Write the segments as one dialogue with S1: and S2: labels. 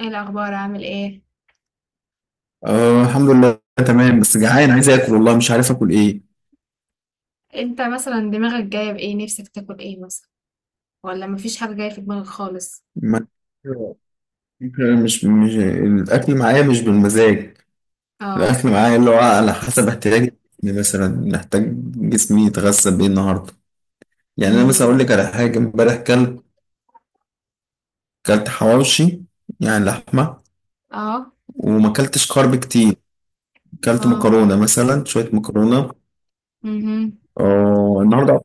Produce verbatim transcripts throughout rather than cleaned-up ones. S1: ايه الاخبار؟ عامل ايه؟
S2: أه، الحمد لله. تمام، بس جعان عايز اكل والله مش عارف اكل ايه.
S1: انت مثلا دماغك جايه بايه؟ نفسك تاكل ايه مثلا؟ ولا مفيش حاجه جايه في دماغك خالص؟
S2: ما مش مش الاكل معايا مش بالمزاج.
S1: اه.
S2: الاكل معايا اللي هو على حسب احتياجي، يعني مثلا محتاج جسمي يتغذى بايه النهارده. يعني انا مثلا اقول
S1: امم.
S2: لك على حاجه امبارح كلت كلت حواوشي، يعني لحمه،
S1: اه.
S2: وما كلتش كارب كتير، كلت
S1: اه.
S2: مكرونه مثلا شويه مكرونه.
S1: امم.
S2: اه النهارده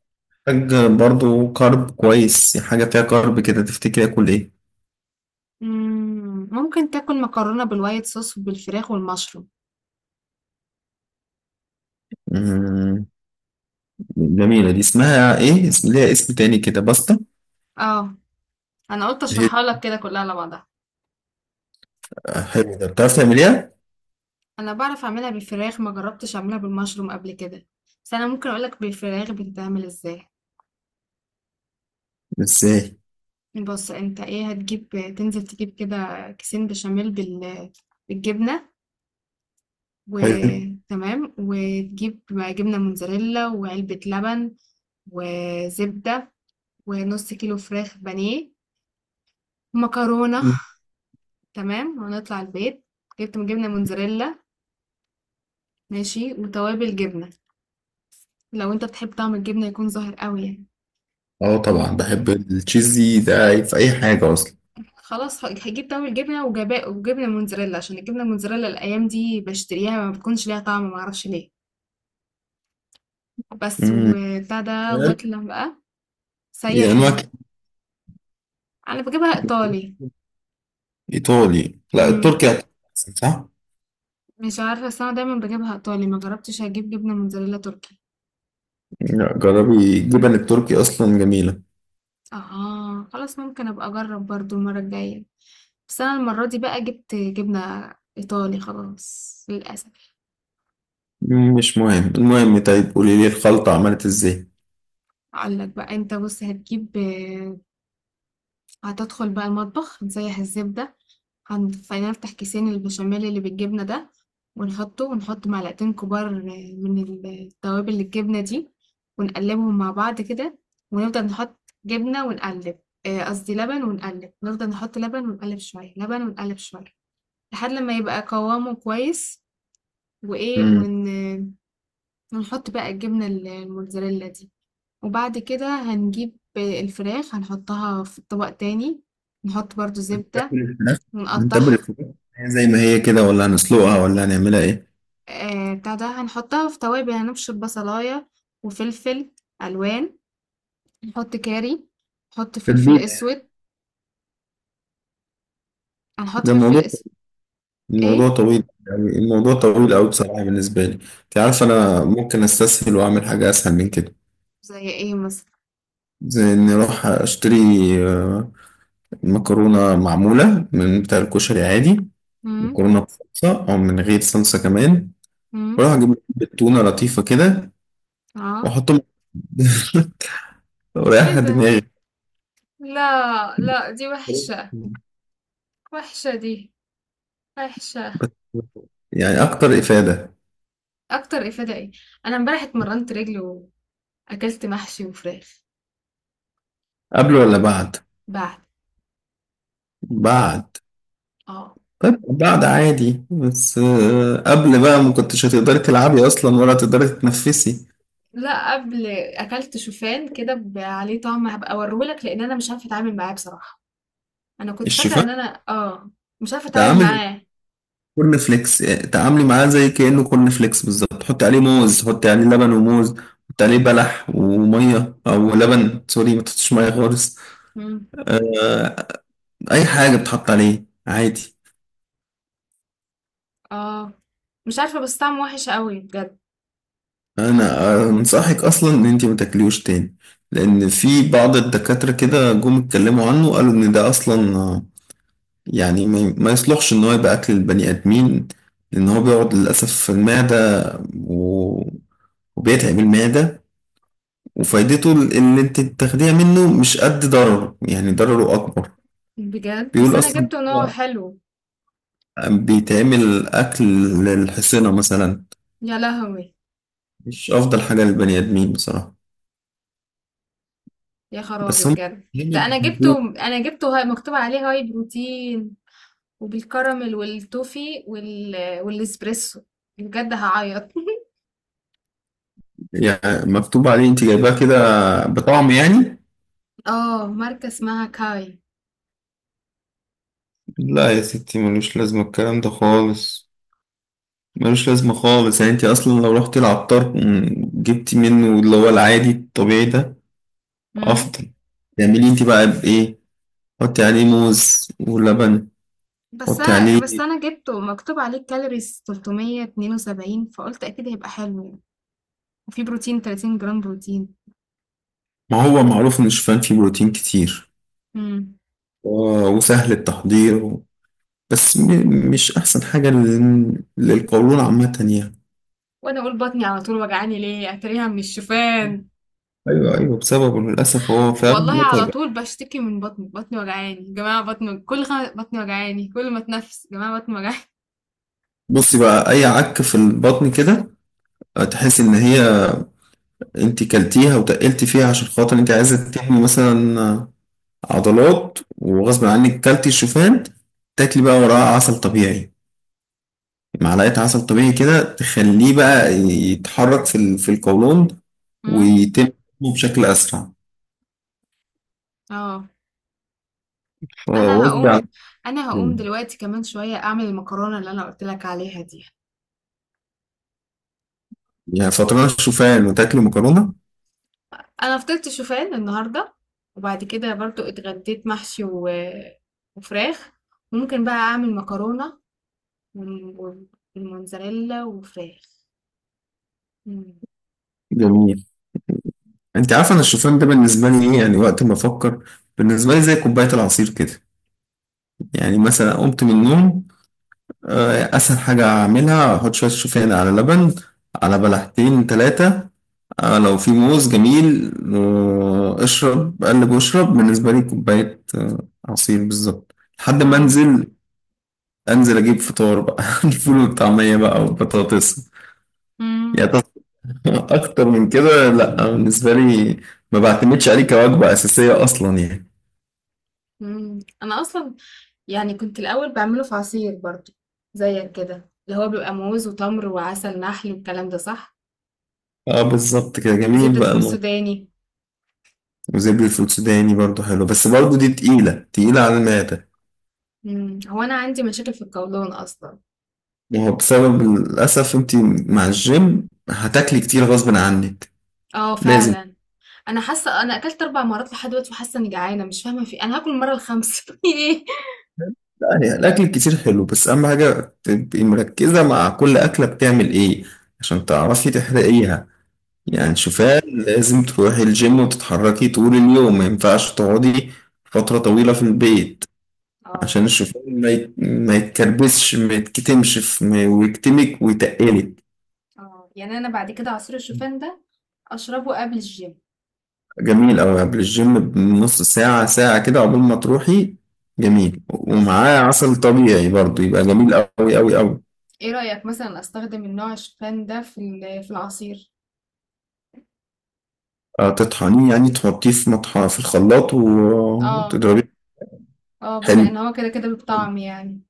S2: محتاج برضو كارب كويس، حاجه فيها كارب كده، تفتكري اكل
S1: ممكن تاكل مكرونه بالوايت صوص وبالفراخ والمشروم.
S2: ايه؟ جميلة دي، اسمها ايه؟ اسم ليها اسم تاني كده، باستا.
S1: اه. انا قلت
S2: هي
S1: اشرحها لك كده كلها على بعضها.
S2: آه، حلو ده، بتعرف تعمليها؟
S1: انا بعرف اعملها بالفراخ، ما جربتش اعملها بالمشروم قبل كده، بس انا ممكن اقول لك بالفراخ بتتعمل ازاي.
S2: ازاي؟
S1: بص انت ايه هتجيب. تنزل تجيب كده كيسين بشاميل بال بالجبنه،
S2: حلو.
S1: وتمام، وتجيب جبنة موتزاريلا وعلبة لبن وزبدة ونص كيلو فراخ بانيه، مكرونة.
S2: مم.
S1: تمام، ونطلع البيت. جبت جبنة موتزاريلا، ماشي، وتوابل جبنة لو انت بتحب طعم الجبنة يكون ظاهر قوي يعني.
S2: اه طبعا
S1: تمام.
S2: بحب التشيزي ده في اي حاجة اصلا.
S1: خلاص ه- هجيب طعم الجبنة وجبا- وجبنة موتزاريلا، عشان الجبنة موتزاريلا الأيام دي بشتريها ما بتكونش ليها طعم، معرفش ليه، بس
S2: مم.
S1: وبتاع ده. واطلع بقى،
S2: هي
S1: سيح
S2: انواع
S1: ال-
S2: كتير.
S1: أنا بجيبها إيطالي.
S2: ايطالي؟ لا
S1: مم.
S2: التركي أحسن، صح؟
S1: مش عارفة، بس أنا دايما بجيبها إيطالي، ما جربتش أجيب جبنة موتزاريلا تركي.
S2: لا جربي الجبن التركي، اصلا جميلة.
S1: اه خلاص، ممكن أبقى أجرب برضو المرة الجاية، بس أنا المرة دي بقى جبت جبنة إيطالي خلاص للأسف.
S2: مم، مش مهم المهم، طيب قولي لي الخلطة عملت ازاي؟
S1: أقولك بقى. أنت بص هتجيب، هتدخل بقى المطبخ تسيح الزبدة، هنخلينا نفتح كيسين البشاميل اللي بالجبنة ده ونحطه، ونحط معلقتين كبار من التوابل الجبنة دي، ونقلبهم مع بعض كده، ونفضل نحط جبنة ونقلب. آه، قصدي لبن، ونقلب، نفضل نحط لبن ونقلب شوية، لبن ونقلب شوية، لحد لما يبقى قوامه كويس، وإيه
S2: مم.
S1: ون... ونحط بقى الجبنة الموتزاريلا دي. وبعد كده هنجيب الفراخ، هنحطها في طبق تاني، نحط برضو زبدة
S2: تاكل الفراخ، نتبل
S1: ونقطعها.
S2: الفراخ. هي زي ما هي كده ولا هنسلقها ولا هنعملها ايه؟
S1: آآ بتاع ده هنحطها في توابل، هنبشر بصلاية وفلفل ألوان، نحط كاري، نحط فلفل
S2: تتبيلة يعني.
S1: أسود، هنحط
S2: ده
S1: فلفل
S2: الموضوع،
S1: أسود.
S2: الموضوع
S1: إيه؟
S2: طويل، يعني الموضوع طويل أوي بصراحة بالنسبة لي. أنت عارف أنا ممكن أستسهل وأعمل حاجة أسهل من كده.
S1: زي إيه مثلًا؟
S2: زي إني أروح أشتري آه، مكرونة معمولة من بتاع الكشري عادي،
S1: إمم.
S2: مكرونة بصلصة أو من غير صلصة كمان،
S1: إمم.
S2: وأروح أجيب علبة تونة لطيفة كده
S1: آه.
S2: وأحطهم
S1: إيه
S2: وريحها
S1: ده؟
S2: دماغي.
S1: لأ، لأ، دي وحشة، وحشة دي، وحشة.
S2: يعني أكتر إفادة.
S1: أكتر إفادة إيه؟ أنا امبارح اتمرّنت رِجل وأكلت محشي وفراخ.
S2: قبل ولا بعد؟
S1: بعد.
S2: بعد.
S1: آه.
S2: طيب بعد عادي، بس آه، قبل بقى ما كنتش هتقدري تلعبي اصلا ولا هتقدري تتنفسي.
S1: لأ، قبل. أكلت شوفان كده ب عليه طعم، هابقى أوريه لك، لإن أنا مش عارفة أتعامل معاه بصراحة. انا كنت فاكره ان
S2: الشوفان
S1: انا اه مش عارفه
S2: ده
S1: اتعامل
S2: عامل
S1: معاه.
S2: كورن فليكس. آه، تعاملي معاه زي كأنه كورن فليكس بالظبط، حطي عليه موز، حطي عليه لبن وموز، حطي عليه بلح وميه او لبن، سوري ما تحطيش ميه خالص.
S1: مم.
S2: آه، اي حاجه بتحط عليه عادي.
S1: اه. مش عارفه، بس طعمه وحش قوي بجد.
S2: انا آه، انصحك اصلا ان انت ما تاكليهوش تاني، لان في بعض الدكاتره كده جم اتكلموا عنه قالوا ان ده اصلا، آه، يعني ما ما يصلحش ان هو يبقى اكل البني ادمين، لان هو بيقعد للاسف في المعده و... وبيتعب المعده، وفايدته اللي انت بتاخديها منه مش قد ضرره، يعني ضرره اكبر.
S1: بجد، بس
S2: بيقول
S1: انا
S2: اصلا
S1: جبته ان هو
S2: هو
S1: حلو.
S2: بيتعمل اكل للحصينه مثلا،
S1: يا لهوي.
S2: مش افضل حاجه للبني ادمين بصراحه.
S1: يا خرابي،
S2: بس هم
S1: بجد،
S2: هم
S1: ده انا جبته
S2: بيحبوه.
S1: انا جبته هاي، مكتوب عليه هاي بروتين، وبالكراميل والتوفي وال... والاسبريسو. بجد هعيط
S2: يعني مكتوب عليه انت جايباه كده بطعم يعني.
S1: اه، ماركه اسمها كاي.
S2: لا يا ستي ملوش لازمه الكلام ده خالص، ملوش لازمة خالص. يعني انت اصلا لو رحت العطار م- جبتي منه اللي هو العادي الطبيعي ده
S1: مم.
S2: افضل. تعملي انت بقى بايه؟ حطي عليه موز ولبن،
S1: بس
S2: حطي
S1: انا بس
S2: عليه.
S1: انا جبته مكتوب عليه كالوريز تلات ميه اتنين وسبعين، فقلت اكيد هيبقى حلو يعني، وفي بروتين، 30 جرام بروتين.
S2: ما هو معروف ان الشوفان فيه بروتين كتير و- وسهل التحضير و- بس م- مش احسن حاجة لل- للقولون عامة يعني.
S1: وانا اقول بطني على طول وجعاني ليه، اتريها من الشوفان.
S2: ايوه ايوه بسببه للاسف هو فعلا
S1: والله على
S2: متعب.
S1: طول بشتكي من بطني، بطني وجعاني يا جماعه، بطني كل خم... بطني وجعاني، كل ما اتنفس يا جماعه بطني وجعاني.
S2: بصي بقى، اي عك في البطن كده تحس ان هي انت كلتيها وتقلتي فيها عشان خاطر انت عايزه تحمي مثلا عضلات وغصب عنك كلتي الشوفان، تاكلي بقى وراها عسل طبيعي، معلقة عسل طبيعي كده، تخليه بقى يتحرك في ال- في القولون،
S1: أمم.
S2: ويتم بشكل أسرع
S1: اه. انا
S2: فغصب عنك.
S1: هقوم انا هقوم دلوقتي كمان شويه اعمل المكرونه اللي انا قلت لك عليها دي.
S2: يعني فطران الشوفان وتاكلي مكرونة؟
S1: انا فطرت شوفان النهارده، وبعد كده برضو اتغديت محشي و... وفراخ، وممكن بقى اعمل مكرونه وم- والموتزاريلا وفراخ. أمم.
S2: جميل. انت عارفه انا الشوفان ده بالنسبه لي ايه يعني؟ وقت ما افكر، بالنسبه لي زي كوبايه العصير كده. يعني مثلا قمت من النوم، آه، اسهل حاجه اعملها احط شويه شوفان على لبن، على بلحتين ثلاثه، آه لو في موز جميل، آه اشرب قلب واشرب، بالنسبة لي كوباية آه عصير بالظبط، لحد ما
S1: اه.
S2: انزل انزل اجيب فطار بقى الفول والطعمية بقى والبطاطس. يعني
S1: أمم.
S2: ت- اكتر من كده لا بالنسبة لي، ما بعتمدش عليه كوجبة اساسية اصلا يعني.
S1: مم. انا اصلا يعني كنت الأول بعمله في عصير برضو زيك كده، اللي هو بيبقى موز وتمر وعسل نحل والكلام ده، صح،
S2: اه بالظبط كده، جميل
S1: وزبدة
S2: بقى
S1: فول
S2: الموضوع.
S1: سوداني.
S2: وزبدة الفول السوداني برضو حلو، بس برضو دي تقيلة تقيلة على المعدة.
S1: مم. هو أنا عندي مشاكل في القولون أصلا.
S2: ما هو بسبب للأسف أنت مع الجيم هتاكلي كتير غصب عنك،
S1: اه
S2: لازم.
S1: فعلا. أنا حاسة أنا أكلت أربع مرات لحد دلوقتي، وحاسة إني جعانة، مش فاهمة في إيه. أنا هاكل المرة الخامسة في إيه.
S2: لا يعني الأكل الكتير حلو، بس أهم حاجة تبقي مركزة مع كل أكلة بتعمل إيه عشان تعرفي تحرقيها. يعني
S1: مم.
S2: شوفان لازم تروحي الجيم وتتحركي طول اليوم، ما ينفعش تقعدي فترة طويلة في البيت
S1: اه.
S2: عشان الشوفان ما يت- ما يتكربسش ما يتكتمش في- ما- ويكتمك ويتقلك.
S1: اه. يعني أنا بعد كده عصير الشوفان ده أشربه قبل الجيم.
S2: جميل أوي، قبل الجيم بنص ساعة ساعة كده قبل ما تروحي، جميل، ومعاه عسل طبيعي برضه يبقى جميل أوي أوي أوي.
S1: إيه رأيك مثلا أستخدم النوع الشوفان ده في ال- في العصير؟
S2: آه، تطحنيه يعني، تحطيه في مطحن في الخلاط و-
S1: اه.
S2: وتضربيه.
S1: اه، بما
S2: حلو،
S1: إن هو كده كده بالطعم يعني.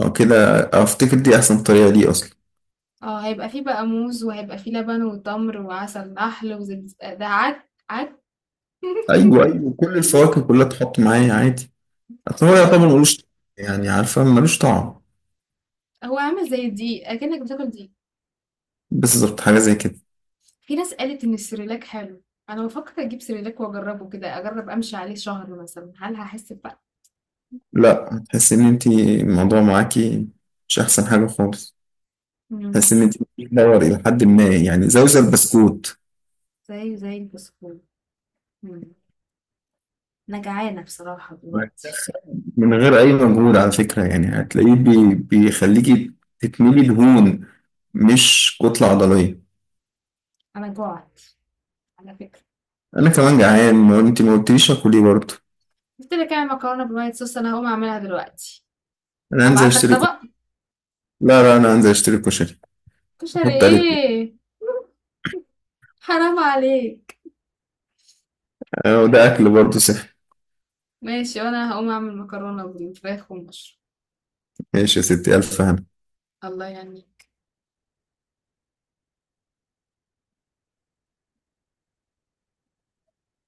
S2: آه، كده أفتكر دي أحسن طريقة ليه أصلا.
S1: اه، هيبقى فيه بقى موز، وهيبقى فيه لبن وتمر وعسل نحل وزبز، ده عك عك.
S2: أيوه أيوه، كل الفواكه كلها تحط معاه عادي، أصل هو يعتبر
S1: آه،
S2: ملوش طعم، يعني عارفة ملوش طعم،
S1: هو عامل زي الدقيق، اكنك بتاكل دقيق.
S2: بس ظبط حاجة زي كده.
S1: في ناس قالت ان السريلاك حلو، انا بفكر اجيب سريلاك واجربه كده، اجرب امشي عليه شهر مثلا، هل هحس بفرق.
S2: لا هتحسي إن أنتي الموضوع معاكي مش أحسن حاجة خالص، بس
S1: مم.
S2: مديك دور إلى حد ما، يعني زوزة بسكوت.
S1: زي زي البسكوت. مم. انا جعانه بصراحه دلوقتي.
S2: من غير أي مجهود على فكرة، يعني هتلاقيه بي بيخليكي تتملي دهون مش كتلة عضلية.
S1: انا جوعت على فكره.
S2: أنا كمان جعان، ما أنت ما قلتليش آكل إيه برضه.
S1: قلت لك اعمل مكرونه بالوايت صوص، انا هقوم اعملها دلوقتي،
S2: أنا هنزل
S1: ابعت لك
S2: أشتري كشري.
S1: طبق.
S2: لا لا أنا هنزل أشتري كشري،
S1: كشري
S2: أحط عليه توم.
S1: ايه؟ حرام عليك.
S2: أه، وده أكل برضه صحي.
S1: ماشي، وانا هقوم اعمل مكرونة بالفراخ والمشروم.
S2: ماشي يا ستي، ألف هنا.
S1: الله يعني.